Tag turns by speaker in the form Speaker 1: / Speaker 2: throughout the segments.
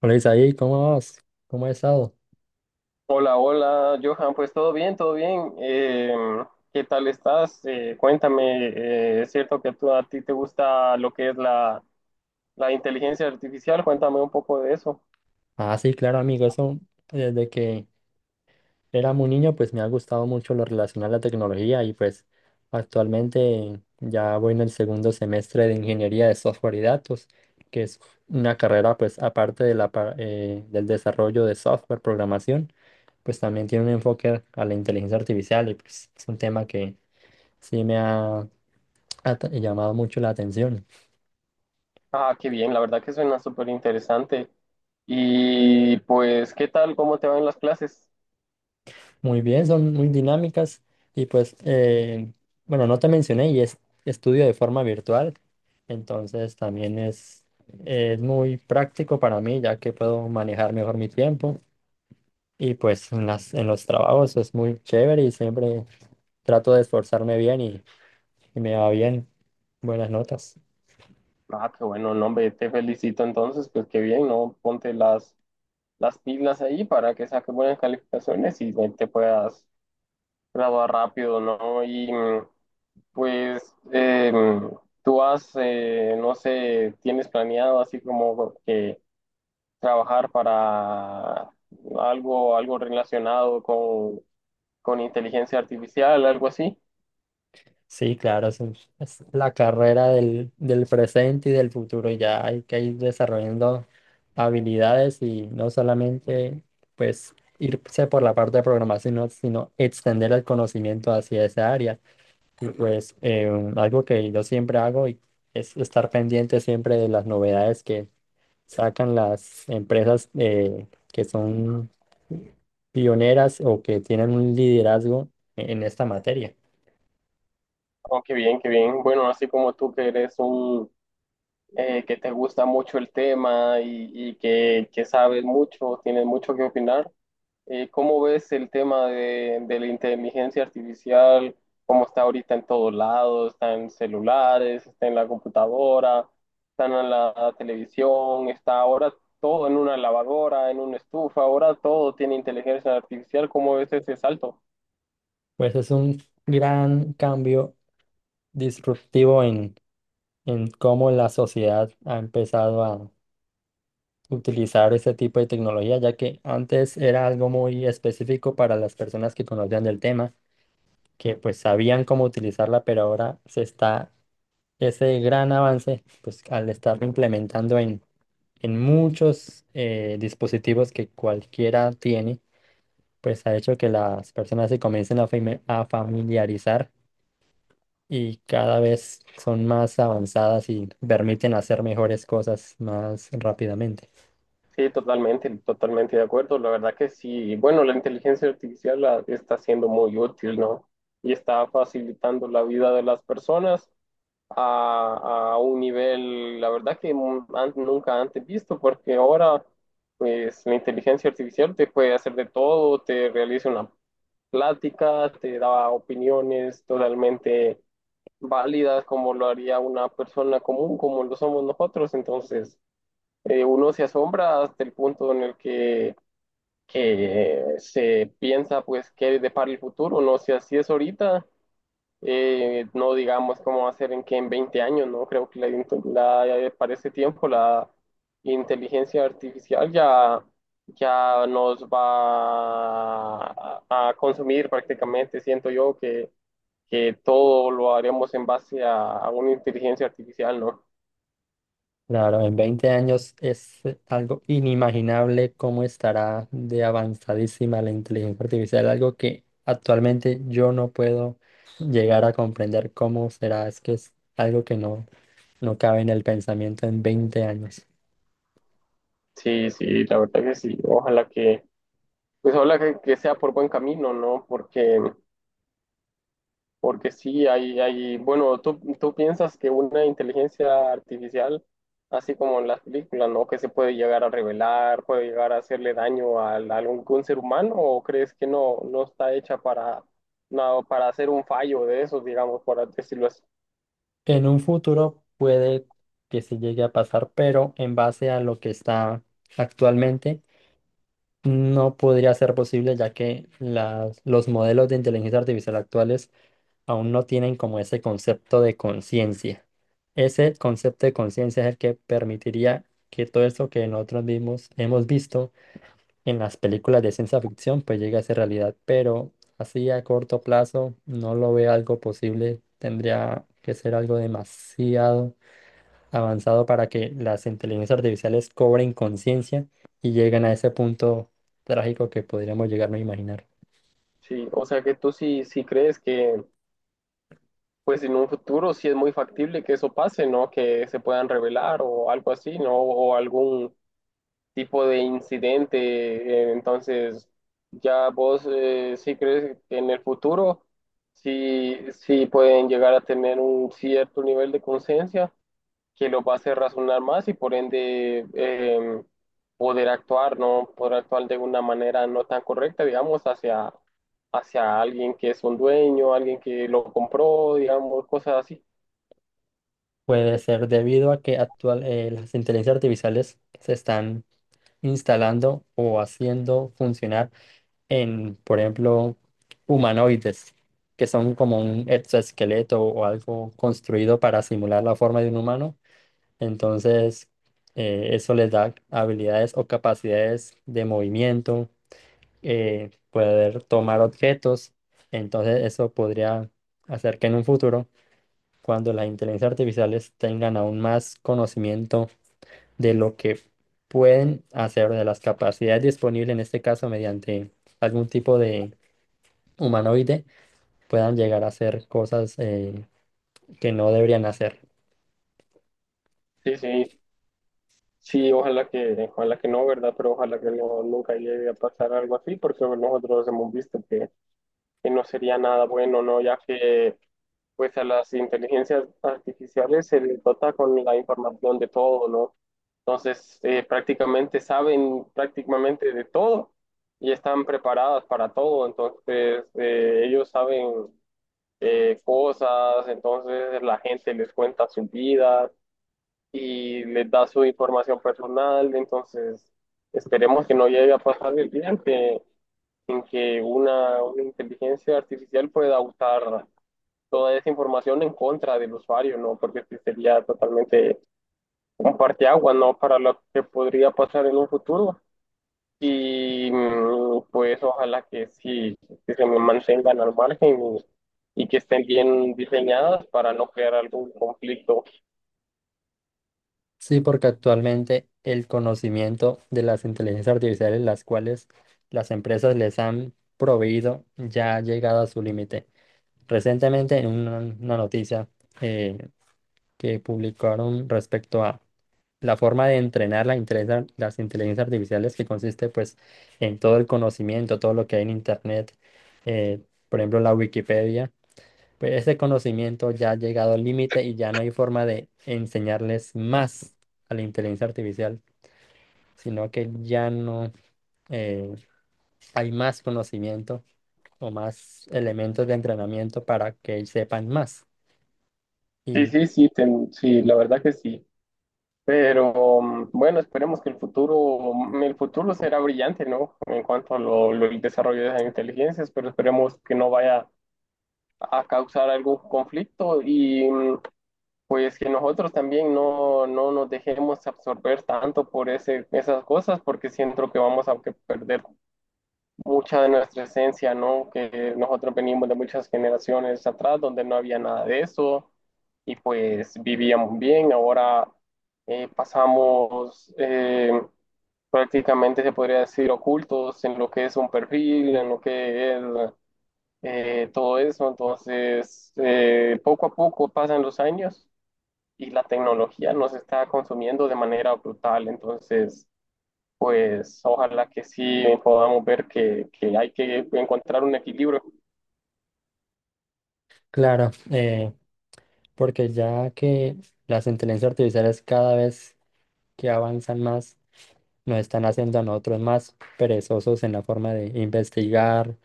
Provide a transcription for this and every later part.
Speaker 1: Hola Isaí, ¿cómo vas? ¿Cómo has estado?
Speaker 2: Hola, hola, Johan, pues todo bien, todo bien. ¿Qué tal estás? Cuéntame, ¿es cierto que a ti te gusta lo que es la inteligencia artificial? Cuéntame un poco de eso.
Speaker 1: Ah, sí, claro, amigo, eso desde que era muy niño, pues me ha gustado mucho lo relacionado a la tecnología y pues actualmente ya voy en el segundo semestre de ingeniería de software y datos, que es una carrera pues aparte de del desarrollo de software, programación, pues también tiene un enfoque a la inteligencia artificial y pues es un tema que sí me ha llamado mucho la atención.
Speaker 2: Ah, qué bien, la verdad que suena súper interesante. Y pues, ¿qué tal? ¿Cómo te van las clases?
Speaker 1: Muy bien, son muy dinámicas y pues, bueno, no te mencioné y es estudio de forma virtual, entonces también es muy práctico para mí ya que puedo manejar mejor mi tiempo y pues en en los trabajos es muy chévere y siempre trato de esforzarme y me va bien, buenas notas.
Speaker 2: Ah, qué bueno, no, hombre, te felicito entonces, pues qué bien, ¿no? Ponte las pilas ahí para que saques buenas calificaciones y te puedas graduar rápido, ¿no? Y pues eh, tú has, no sé, tienes planeado así como que trabajar para algo relacionado con inteligencia artificial, algo así.
Speaker 1: Sí, claro, es la carrera del presente y del futuro. Ya hay que ir desarrollando habilidades y no solamente pues irse por la parte de programación, sino extender el conocimiento hacia esa área. Y pues algo que yo siempre hago y es estar pendiente siempre de las novedades que sacan las empresas que son pioneras o que tienen un liderazgo en esta materia.
Speaker 2: Oh, qué bien, qué bien. Bueno, así como tú que eres un, que te gusta mucho el tema y que sabes mucho, tienes mucho que opinar. ¿Cómo ves el tema de la inteligencia artificial? ¿Cómo está ahorita en todos lados? Está en celulares, está en la computadora, está en la televisión, está ahora todo en una lavadora, en una estufa, ahora todo tiene inteligencia artificial. ¿Cómo ves ese salto?
Speaker 1: Pues es un gran cambio disruptivo en cómo la sociedad ha empezado a utilizar este tipo de tecnología, ya que antes era algo muy específico para las personas que conocían del tema, que pues sabían cómo utilizarla, pero ahora se está ese gran avance, pues al estarlo implementando en muchos dispositivos que cualquiera tiene, pues ha hecho que las personas se comiencen a familiarizar y cada vez son más avanzadas y permiten hacer mejores cosas más rápidamente.
Speaker 2: Sí, totalmente, totalmente de acuerdo. La verdad que sí. Bueno, la inteligencia artificial está siendo muy útil, ¿no? Y está facilitando la vida de las personas a un nivel, la verdad que nunca antes visto, porque ahora pues la inteligencia artificial te puede hacer de todo, te realiza una plática, te da opiniones totalmente válidas como lo haría una persona común, como lo somos nosotros. Entonces, uno se asombra hasta el punto en que se piensa, pues, qué depara el futuro, no sé, así es ahorita, no digamos cómo va a ser en que en 20 años, ¿no? Creo que la- para ese tiempo la inteligencia artificial ya nos va a consumir prácticamente, siento yo que todo lo haremos en base a una inteligencia artificial, ¿no?
Speaker 1: Claro, en 20 años es algo inimaginable cómo estará de avanzadísima la inteligencia artificial, algo que actualmente yo no puedo llegar a comprender cómo será. Es que es algo que no cabe en el pensamiento en 20 años.
Speaker 2: Sí, sí, la verdad que sí, pues ojalá que sea por buen camino, ¿no? Porque... Porque sí, hay, bueno, tú piensas que una inteligencia artificial, así como en las películas, ¿no? Que se puede llegar a revelar, puede llegar a hacerle daño al a algún ser humano, o crees que no, no está hecha para, no, para hacer un fallo de esos, digamos, por decirlo así.
Speaker 1: En un futuro puede que se llegue a pasar, pero en base a lo que está actualmente. No podría ser posible ya que los modelos de inteligencia artificial actuales aún no tienen como ese concepto de conciencia. Ese concepto de conciencia es el que permitiría que todo eso que nosotros mismos hemos visto en las películas de ciencia ficción pues llegue a ser realidad, pero así a corto plazo no lo veo algo posible, tendría que ser algo demasiado avanzado para que las inteligencias artificiales cobren conciencia y lleguen a ese punto trágico que podríamos llegarnos a imaginar.
Speaker 2: Sí, o sea que tú sí, sí crees pues en un futuro sí es muy factible que eso pase, ¿no? Que se puedan revelar o algo así, ¿no? O algún tipo de incidente. eh, Entonces, ya vos, sí crees que en el futuro sí, sí pueden llegar a tener un cierto nivel de conciencia que los va a hacer razonar más y por ende, poder actuar, ¿no? Poder actuar de una manera no tan correcta, digamos, hacia, hacia alguien que es un dueño, alguien que lo compró, digamos, cosas así.
Speaker 1: Puede ser debido a que las inteligencias artificiales se están instalando o haciendo funcionar en, por ejemplo, humanoides, que son como un exoesqueleto o algo construido para simular la forma de un humano. Entonces, eso les da habilidades o capacidades de movimiento poder tomar objetos. Entonces eso podría hacer que en un futuro, cuando las inteligencias artificiales tengan aún más conocimiento de lo que pueden hacer, de las capacidades disponibles, en este caso mediante algún tipo de humanoide, puedan llegar a hacer cosas que no deberían hacer.
Speaker 2: Sí, sí. Sí, ojalá que no, ¿verdad? Pero ojalá que no, nunca llegue a pasar algo así, porque bueno, nosotros hemos visto que no sería nada bueno, ¿no? Ya que pues a las inteligencias artificiales se les dota con la información de todo, ¿no? Entonces, prácticamente saben prácticamente de todo y están preparadas para todo, entonces ellos saben, cosas, entonces la gente les cuenta sus vidas y les da su información personal. Entonces, esperemos que no llegue a pasar el día en en que una inteligencia artificial pueda usar toda esa información en contra del usuario, ¿no? Porque este sería totalmente un parteaguas, ¿no? Para lo que podría pasar en un futuro. Y mm, pues ojalá que sí, que se me mantengan al margen y que estén bien diseñadas para no crear algún conflicto.
Speaker 1: Sí, porque actualmente el conocimiento de las inteligencias artificiales, las cuales las empresas les han proveído, ya ha llegado a su límite. Recientemente, en una noticia eh, que publicaron respecto a la forma de entrenar la las inteligencias artificiales, que consiste pues en todo el conocimiento, todo lo que hay en Internet, eh, por ejemplo la Wikipedia, pues ese conocimiento ya ha llegado al límite y ya no hay forma de enseñarles más a la inteligencia artificial, sino que ya no eh, hay más conocimiento o más elementos de entrenamiento para que sepan más.
Speaker 2: Sí,
Speaker 1: Y
Speaker 2: sí, sí, sí, la verdad que sí. Pero mm, bueno, esperemos que el futuro, mm, el futuro será brillante, ¿no? En cuanto a el desarrollo de las inteligencias, pero esperemos que no vaya a causar algún conflicto y mm, pues que nosotros también no nos dejemos absorber tanto por esas cosas, porque siento que vamos a que perder mucha de nuestra esencia, ¿no? Que nosotros venimos de muchas generaciones atrás donde no había nada de eso y pues vivíamos bien. Ahora, pasamos, prácticamente, se podría decir, ocultos en lo que es un perfil, en lo que es, todo eso. Entonces, poco a poco pasan los años y la tecnología nos está consumiendo de manera brutal. Entonces, pues ojalá que sí podamos ver que hay que encontrar un equilibrio.
Speaker 1: claro, porque ya que las inteligencias artificiales cada vez que avanzan más, nos están haciendo a nosotros más perezosos en la forma de investigar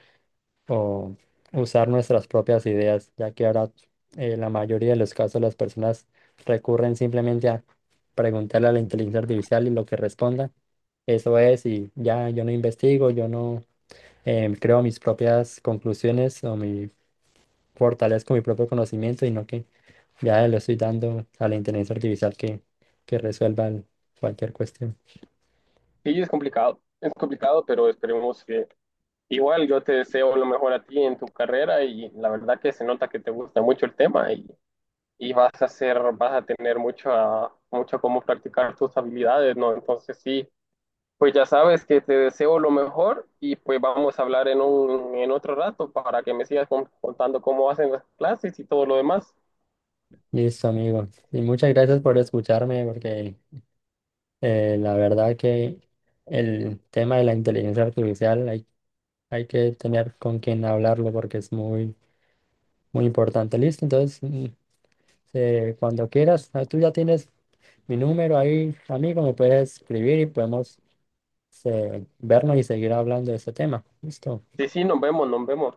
Speaker 1: o usar nuestras propias ideas, ya que ahora la mayoría de los casos las personas recurren simplemente a preguntarle a la inteligencia artificial y lo que responda, eso es, y ya yo no investigo, yo no creo mis propias conclusiones o mi fortalezco mi propio conocimiento y no que ya le estoy dando a la inteligencia artificial que resuelva cualquier cuestión.
Speaker 2: Sí, es complicado, pero esperemos que igual yo te deseo lo mejor a ti en tu carrera y la verdad que se nota que te gusta mucho el tema y vas a tener mucho, mucho cómo practicar tus habilidades, ¿no? Entonces sí, pues ya sabes que te deseo lo mejor y pues vamos a hablar en en otro rato para que me sigas contando cómo hacen las clases y todo lo demás.
Speaker 1: Listo, amigo. Y muchas gracias por escucharme, porque la verdad que el tema de la inteligencia artificial hay que tener con quien hablarlo porque es muy importante. Listo, entonces, mm, cuando quieras, ah, tú ya tienes mi número ahí, amigo, me puedes escribir y podemos vernos y seguir hablando de este tema. Listo.
Speaker 2: Sí, sí, nos vemos, nos vemos.